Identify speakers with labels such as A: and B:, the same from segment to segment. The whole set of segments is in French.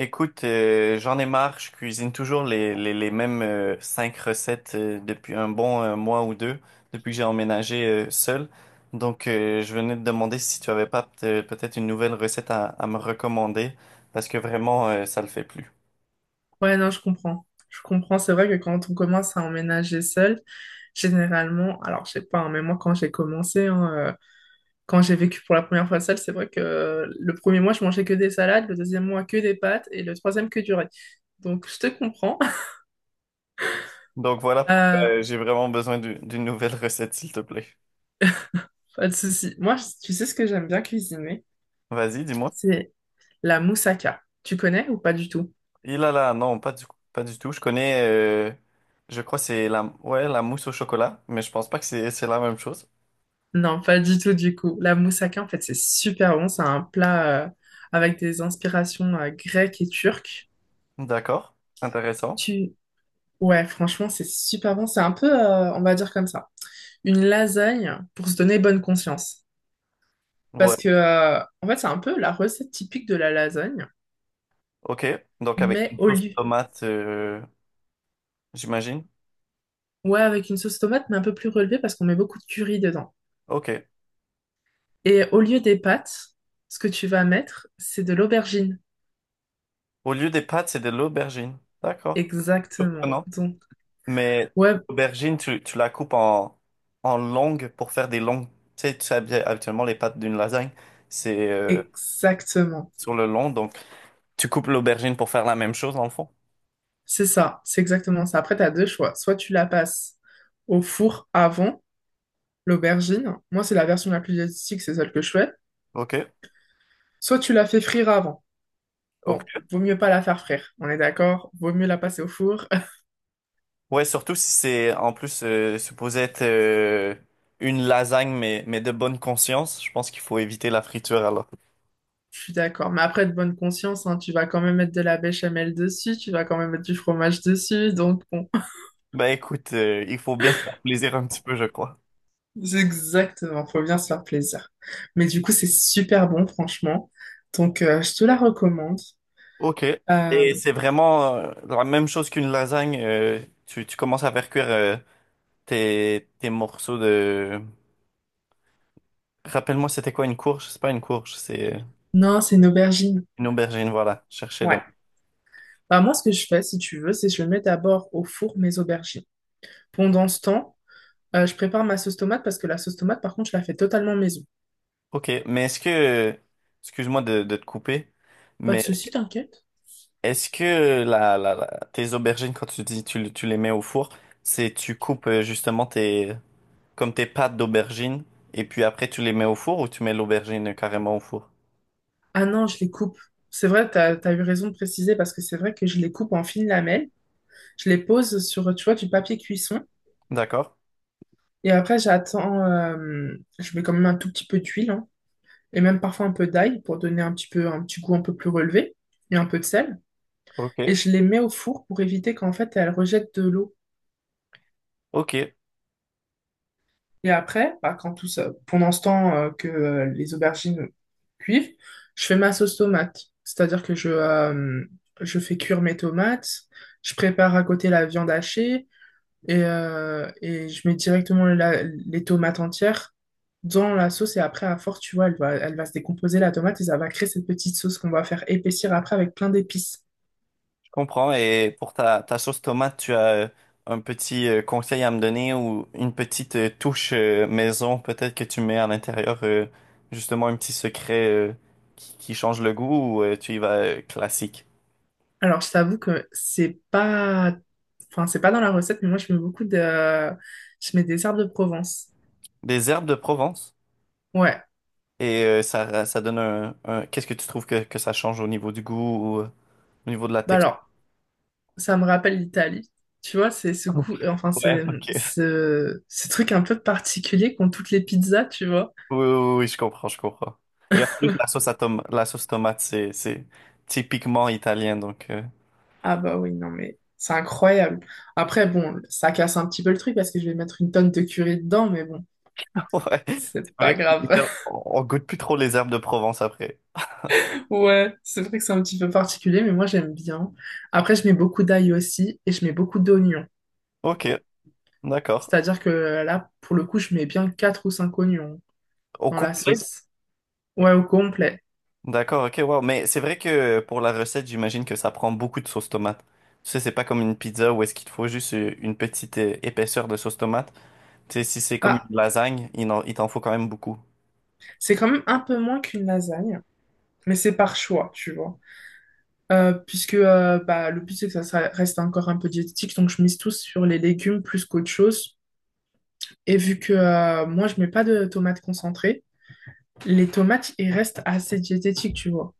A: J'en ai marre, je cuisine toujours les mêmes cinq recettes depuis un bon mois ou deux, depuis que j'ai emménagé seul. Je venais te demander si tu avais pas peut-être une nouvelle recette à me recommander, parce que vraiment, ça le fait plus.
B: Ouais, non, je comprends. Je comprends. C'est vrai que quand on commence à emménager seul, généralement, alors je sais pas, hein, mais moi quand j'ai commencé, hein, quand j'ai vécu pour la première fois seule, c'est vrai que le premier mois, je mangeais que des salades, le deuxième mois, que des pâtes et le troisième, que du riz. Donc, je te comprends.
A: Donc, voilà pourquoi
B: Euh,
A: j'ai vraiment besoin d'une nouvelle recette, s'il te plaît.
B: Pas de souci. Moi, tu sais ce que j'aime bien cuisiner?
A: Vas-y, dis-moi.
B: C'est la moussaka. Tu connais ou pas du tout?
A: Il là, non, pas du tout. Je connais, je crois que c'est ouais, la mousse au chocolat, mais je pense pas que c'est la même chose.
B: Non, pas du tout, du coup. La moussaka, en fait, c'est super bon. C'est un plat avec des inspirations grecques et turques.
A: D'accord, intéressant.
B: Ouais, franchement, c'est super bon. C'est un peu, on va dire comme ça, une lasagne pour se donner bonne conscience.
A: Ouais,
B: Parce que, en fait, c'est un peu la recette typique de la lasagne,
A: ok. Donc avec
B: mais
A: une
B: au
A: sauce
B: lieu.
A: tomate, j'imagine.
B: Ouais, avec une sauce tomate, mais un peu plus relevée parce qu'on met beaucoup de curry dedans.
A: Ok.
B: Et au lieu des pâtes, ce que tu vas mettre, c'est de l'aubergine.
A: Au lieu des pâtes, c'est de l'aubergine. D'accord.
B: Exactement.
A: Surprenant.
B: Donc,
A: Mais
B: ouais,
A: l'aubergine, tu la coupes en, en longues pour faire des longues. Tu sais bien, habituellement les pâtes d'une lasagne, c'est
B: exactement.
A: sur le long. Donc tu coupes l'aubergine pour faire la même chose dans le fond.
B: C'est ça, c'est exactement ça. Après, tu as deux choix. Soit tu la passes au four avant l'aubergine. Moi, c'est la version la plus diététique, c'est celle que je fais.
A: Ok.
B: Soit tu la fais frire avant.
A: Ok.
B: Bon, vaut mieux pas la faire frire, on est d'accord? Vaut mieux la passer au four.
A: Ouais, surtout si c'est en plus supposé être une lasagne, mais de bonne conscience, je pense qu'il faut éviter la friture alors.
B: Je suis d'accord. Mais après, de bonne conscience, hein, tu vas quand même mettre de la béchamel dessus, tu vas quand même mettre du fromage dessus. Donc, bon,
A: Ben écoute, il faut bien se faire plaisir un petit peu, je crois.
B: c'est exactement, faut bien se faire plaisir. Mais du coup, c'est super bon, franchement. Donc, je te la recommande.
A: OK. Et
B: Euh,
A: c'est vraiment la même chose qu'une lasagne. Tu tu commences à faire cuire tes morceaux de… Rappelle-moi, c'était quoi une courge? C'est pas une courge, c'est
B: non, c'est une aubergine.
A: une aubergine, voilà. Cherchez-le.
B: Ouais. Bah, moi, ce que je fais, si tu veux, c'est que je mets d'abord au four mes aubergines. Pendant ce temps, je prépare ma sauce tomate parce que la sauce tomate, par contre, je la fais totalement maison.
A: OK, mais est-ce que… Excuse-moi de te couper,
B: Pas de
A: mais
B: souci, t'inquiète.
A: est-ce que tes aubergines, quand tu dis tu les mets au four, c'est tu coupes justement tes, comme tes pâtes d'aubergine, et puis après tu les mets au four ou tu mets l'aubergine carrément au four?
B: Ah non, je les coupe. C'est vrai, t'as eu raison de préciser parce que c'est vrai que je les coupe en fines lamelles. Je les pose sur, tu vois, du papier cuisson.
A: D'accord.
B: Et après, j'attends, je mets quand même un tout petit peu d'huile, hein, et même parfois un peu d'ail pour donner un petit peu, un petit goût un peu plus relevé et un peu de sel. Et
A: Ok.
B: je les mets au four pour éviter qu'en fait, elles rejettent de l'eau.
A: Ok, je
B: Et après, bah, quand tout ça, pendant ce temps que les aubergines cuivent, je fais ma sauce tomate. C'est-à-dire que je fais cuire mes tomates, je prépare à côté la viande hachée et, je mets directement les tomates entières dans la sauce. Et après, à force, tu vois, elle va se décomposer la tomate et ça va créer cette petite sauce qu'on va faire épaissir après avec plein d'épices.
A: comprends. Et pour ta sauce tomate, tu as un petit conseil à me donner ou une petite touche maison peut-être que tu mets à l'intérieur, justement un petit secret qui change le goût ou tu y vas classique?
B: Alors, je t'avoue que c'est pas, enfin, c'est pas dans la recette, mais moi, je mets des herbes de Provence.
A: Des herbes de Provence
B: Ouais,
A: et ça donne Qu'est-ce que tu trouves que ça change au niveau du goût ou au niveau de la
B: bah
A: texture?
B: alors, ça me rappelle l'Italie. Tu vois, enfin, c'est
A: Ouais, ok.
B: ce truc un peu particulier qu'ont toutes les pizzas, tu vois.
A: Oui, oui, oui, oui, je comprends, je comprends. Et en plus, la sauce tomate, c'est typiquement italien, donc
B: Ah bah oui, non mais c'est incroyable. Après, bon, ça casse un petit peu le truc parce que je vais mettre une tonne de curry dedans, mais bon,
A: ouais. C'est
B: c'est
A: vrai
B: pas
A: que
B: grave.
A: on goûte plus trop les herbes de Provence après.
B: Ouais, c'est vrai que c'est un petit peu particulier, mais moi j'aime bien. Après, je mets beaucoup d'ail aussi et je mets beaucoup d'oignons.
A: Ok, d'accord.
B: C'est-à-dire que là, pour le coup, je mets bien 4 ou 5 oignons
A: Au
B: dans la
A: complet?
B: sauce. Ouais, au complet.
A: D'accord, ok, wow. Mais c'est vrai que pour la recette, j'imagine que ça prend beaucoup de sauce tomate. Tu sais, c'est pas comme une pizza où est-ce qu'il te faut juste une petite épaisseur de sauce tomate. Tu sais, si c'est comme
B: Bah,
A: une lasagne, il t'en faut quand même beaucoup.
B: c'est quand même un peu moins qu'une lasagne, mais c'est par choix, tu vois. Puisque bah, le but, c'est que reste encore un peu diététique, donc je mise tous sur les légumes plus qu'autre chose. Et vu que moi, je mets pas de tomates concentrées, les tomates, ils restent assez diététiques, tu vois.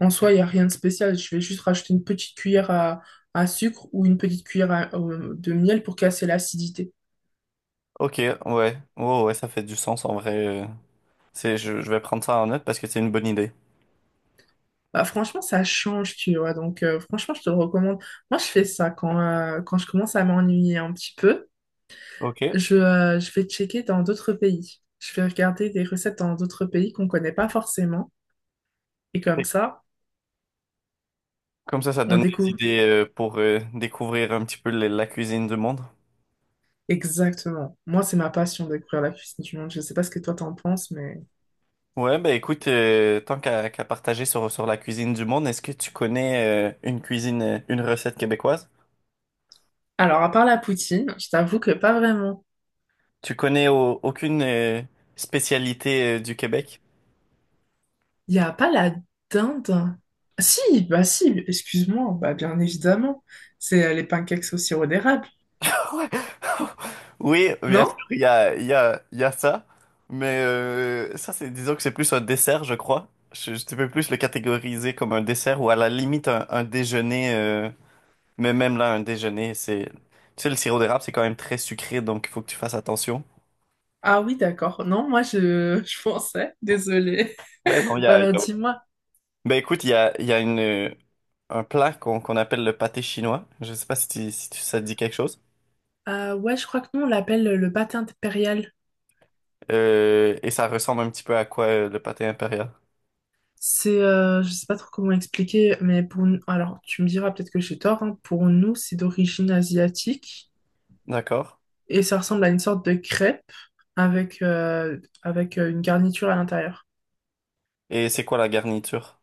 B: En soi, il n'y a rien de spécial. Je vais juste rajouter une petite cuillère à sucre ou une petite cuillère de miel pour casser l'acidité.
A: Ok, ouais. Ouais, ouais, ça fait du sens en vrai. euh. C'est, je vais prendre ça en note parce que c'est une bonne idée.
B: Bah, franchement, ça change, tu vois. Donc, franchement, je te le recommande. Moi, je fais ça quand je commence à m'ennuyer un petit peu.
A: Ok.
B: Je vais checker dans d'autres pays. Je vais regarder des recettes dans d'autres pays qu'on connaît pas forcément. Et comme
A: Et-
B: ça,
A: Comme ça
B: on
A: donne des
B: découvre.
A: idées pour découvrir un petit peu la cuisine du monde.
B: Exactement. Moi, c'est ma passion de découvrir la cuisine du monde. Je sais pas ce que toi t'en penses, mais...
A: Ouais, ben écoute, tant qu'à partager sur la cuisine du monde, est-ce que tu connais une cuisine, une recette québécoise?
B: Alors, à part la poutine, je t'avoue que pas vraiment.
A: Tu connais aucune spécialité du Québec?
B: Il n'y a pas la dinde. Si, bah si, excuse-moi. Bah bien évidemment. C'est les pancakes au sirop d'érable.
A: Oui, bien
B: Non?
A: sûr, il y a ça, mais c'est, disons que c'est plus un dessert, je crois. Je peux plus le catégoriser comme un dessert ou à la limite un déjeuner Mais même là, un déjeuner, c'est… Tu sais, le sirop d'érable, c'est quand même très sucré, donc il faut que tu fasses attention.
B: Ah oui, d'accord. Non, je pensais. Désolée.
A: Ouais, non, il y
B: Bah
A: a…
B: alors, dis-moi.
A: Ben écoute, il y a une, un plat qu'on appelle le pâté chinois. Je sais pas si ça te dit quelque chose.
B: Ouais, je crois que nous, on l'appelle le pâté impérial.
A: Et ça ressemble un petit peu à quoi le pâté impérial.
B: C'est, je sais pas trop comment expliquer, mais pour nous, alors tu me diras peut-être que j'ai tort, hein, pour nous c'est d'origine asiatique
A: D'accord.
B: et ça ressemble à une sorte de crêpe avec, une garniture à l'intérieur.
A: Et c'est quoi la garniture?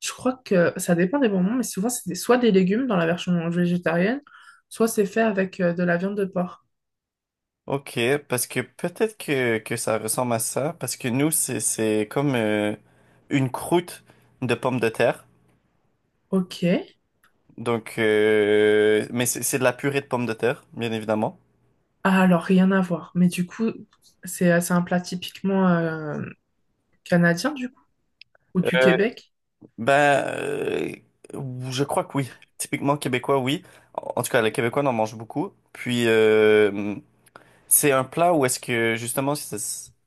B: Je crois que ça dépend des moments, mais souvent soit des légumes dans la version végétarienne, soit c'est fait avec de la viande de porc.
A: Ok, parce que peut-être que ça ressemble à ça, parce que nous, c'est comme une croûte de pommes de terre.
B: Ok,
A: Donc, mais c'est de la purée de pommes de terre, bien évidemment.
B: ah, alors rien à voir, mais du coup c'est un plat typiquement canadien du coup, ou du
A: Euh,
B: Québec.
A: ben, euh, je crois que oui. Typiquement québécois, oui. En en tout cas, les Québécois en mangent beaucoup. Puis, c'est un plat où est-ce que, justement,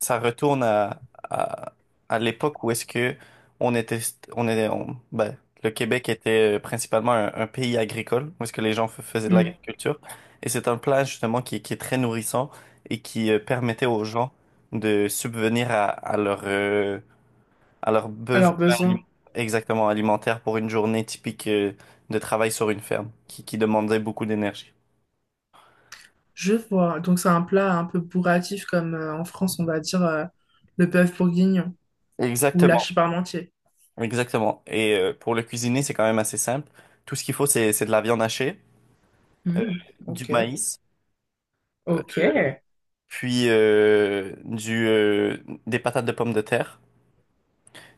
A: ça retourne à, à l'époque où est-ce que on était, on est, on- ben, le Québec était principalement un pays agricole, où est-ce que les gens faisaient de
B: Hmm.
A: l'agriculture. Et c'est un plat, justement, qui est très nourrissant et qui permettait aux gens de subvenir à leur alors,
B: Alors besoin.
A: exactement alimentaire pour une journée typique de travail sur une ferme qui demandait beaucoup d'énergie.
B: Je vois. Donc c'est un plat un peu bourratif comme en France on va dire le bœuf bourguignon ou la
A: Exactement,
B: parmentier.
A: exactement. Et pour le cuisiner, c'est quand même assez simple. Tout ce qu'il faut, c'est de la viande hachée, euh,
B: Hmm,
A: du
B: ok,
A: maïs,
B: ok.
A: euh, puis euh, du, euh, des patates de pommes de terre.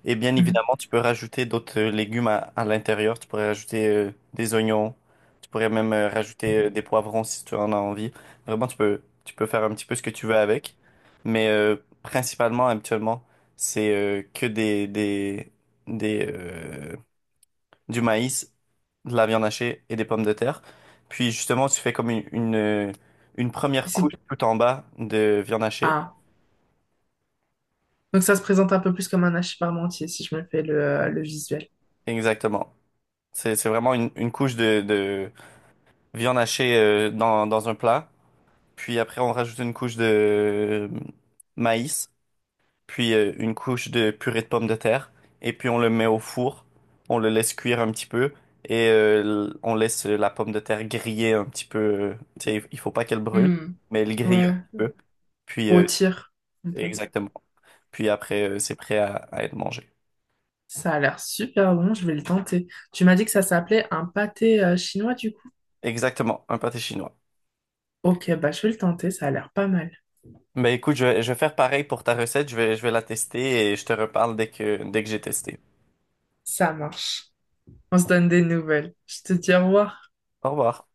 A: Et bien
B: Mhm.
A: évidemment, tu peux rajouter d'autres légumes à l'intérieur. Tu pourrais rajouter des oignons. Tu pourrais même rajouter des poivrons si tu en as envie. Vraiment, tu peux faire un petit peu ce que tu veux avec. Mais euh, principalement, habituellement, c'est que des, du maïs, de la viande hachée et des pommes de terre. Puis justement, tu fais comme une
B: Et
A: première couche
B: c'est-
A: tout en bas de viande hachée.
B: ah. Donc ça se présente un peu plus comme un hachis parmentier si je me fais le visuel.
A: Exactement. C'est vraiment une couche de, viande hachée dans un plat. Puis après, on rajoute une couche de maïs, puis une couche de purée de pommes de terre. Et puis on le met au four. On le laisse cuire un petit peu. Et on laisse la pomme de terre griller un petit peu. Tu sais, il faut pas qu'elle brûle,
B: Hmm,
A: mais elle grille un
B: ouais.
A: petit peu. Puis
B: Rôtir un peu.
A: exactement. Puis après, c'est prêt à être mangé.
B: Ça a l'air super bon, je vais le tenter. Tu m'as dit que ça s'appelait un pâté chinois du coup.
A: Exactement, un pâté chinois.
B: Ok, bah je vais le tenter, ça a l'air pas mal.
A: Mais écoute, je vais faire pareil pour ta recette. Je vais la tester et je te reparle dès que j'ai testé.
B: Ça marche. On se donne des nouvelles. Je te dis au revoir.
A: Au revoir.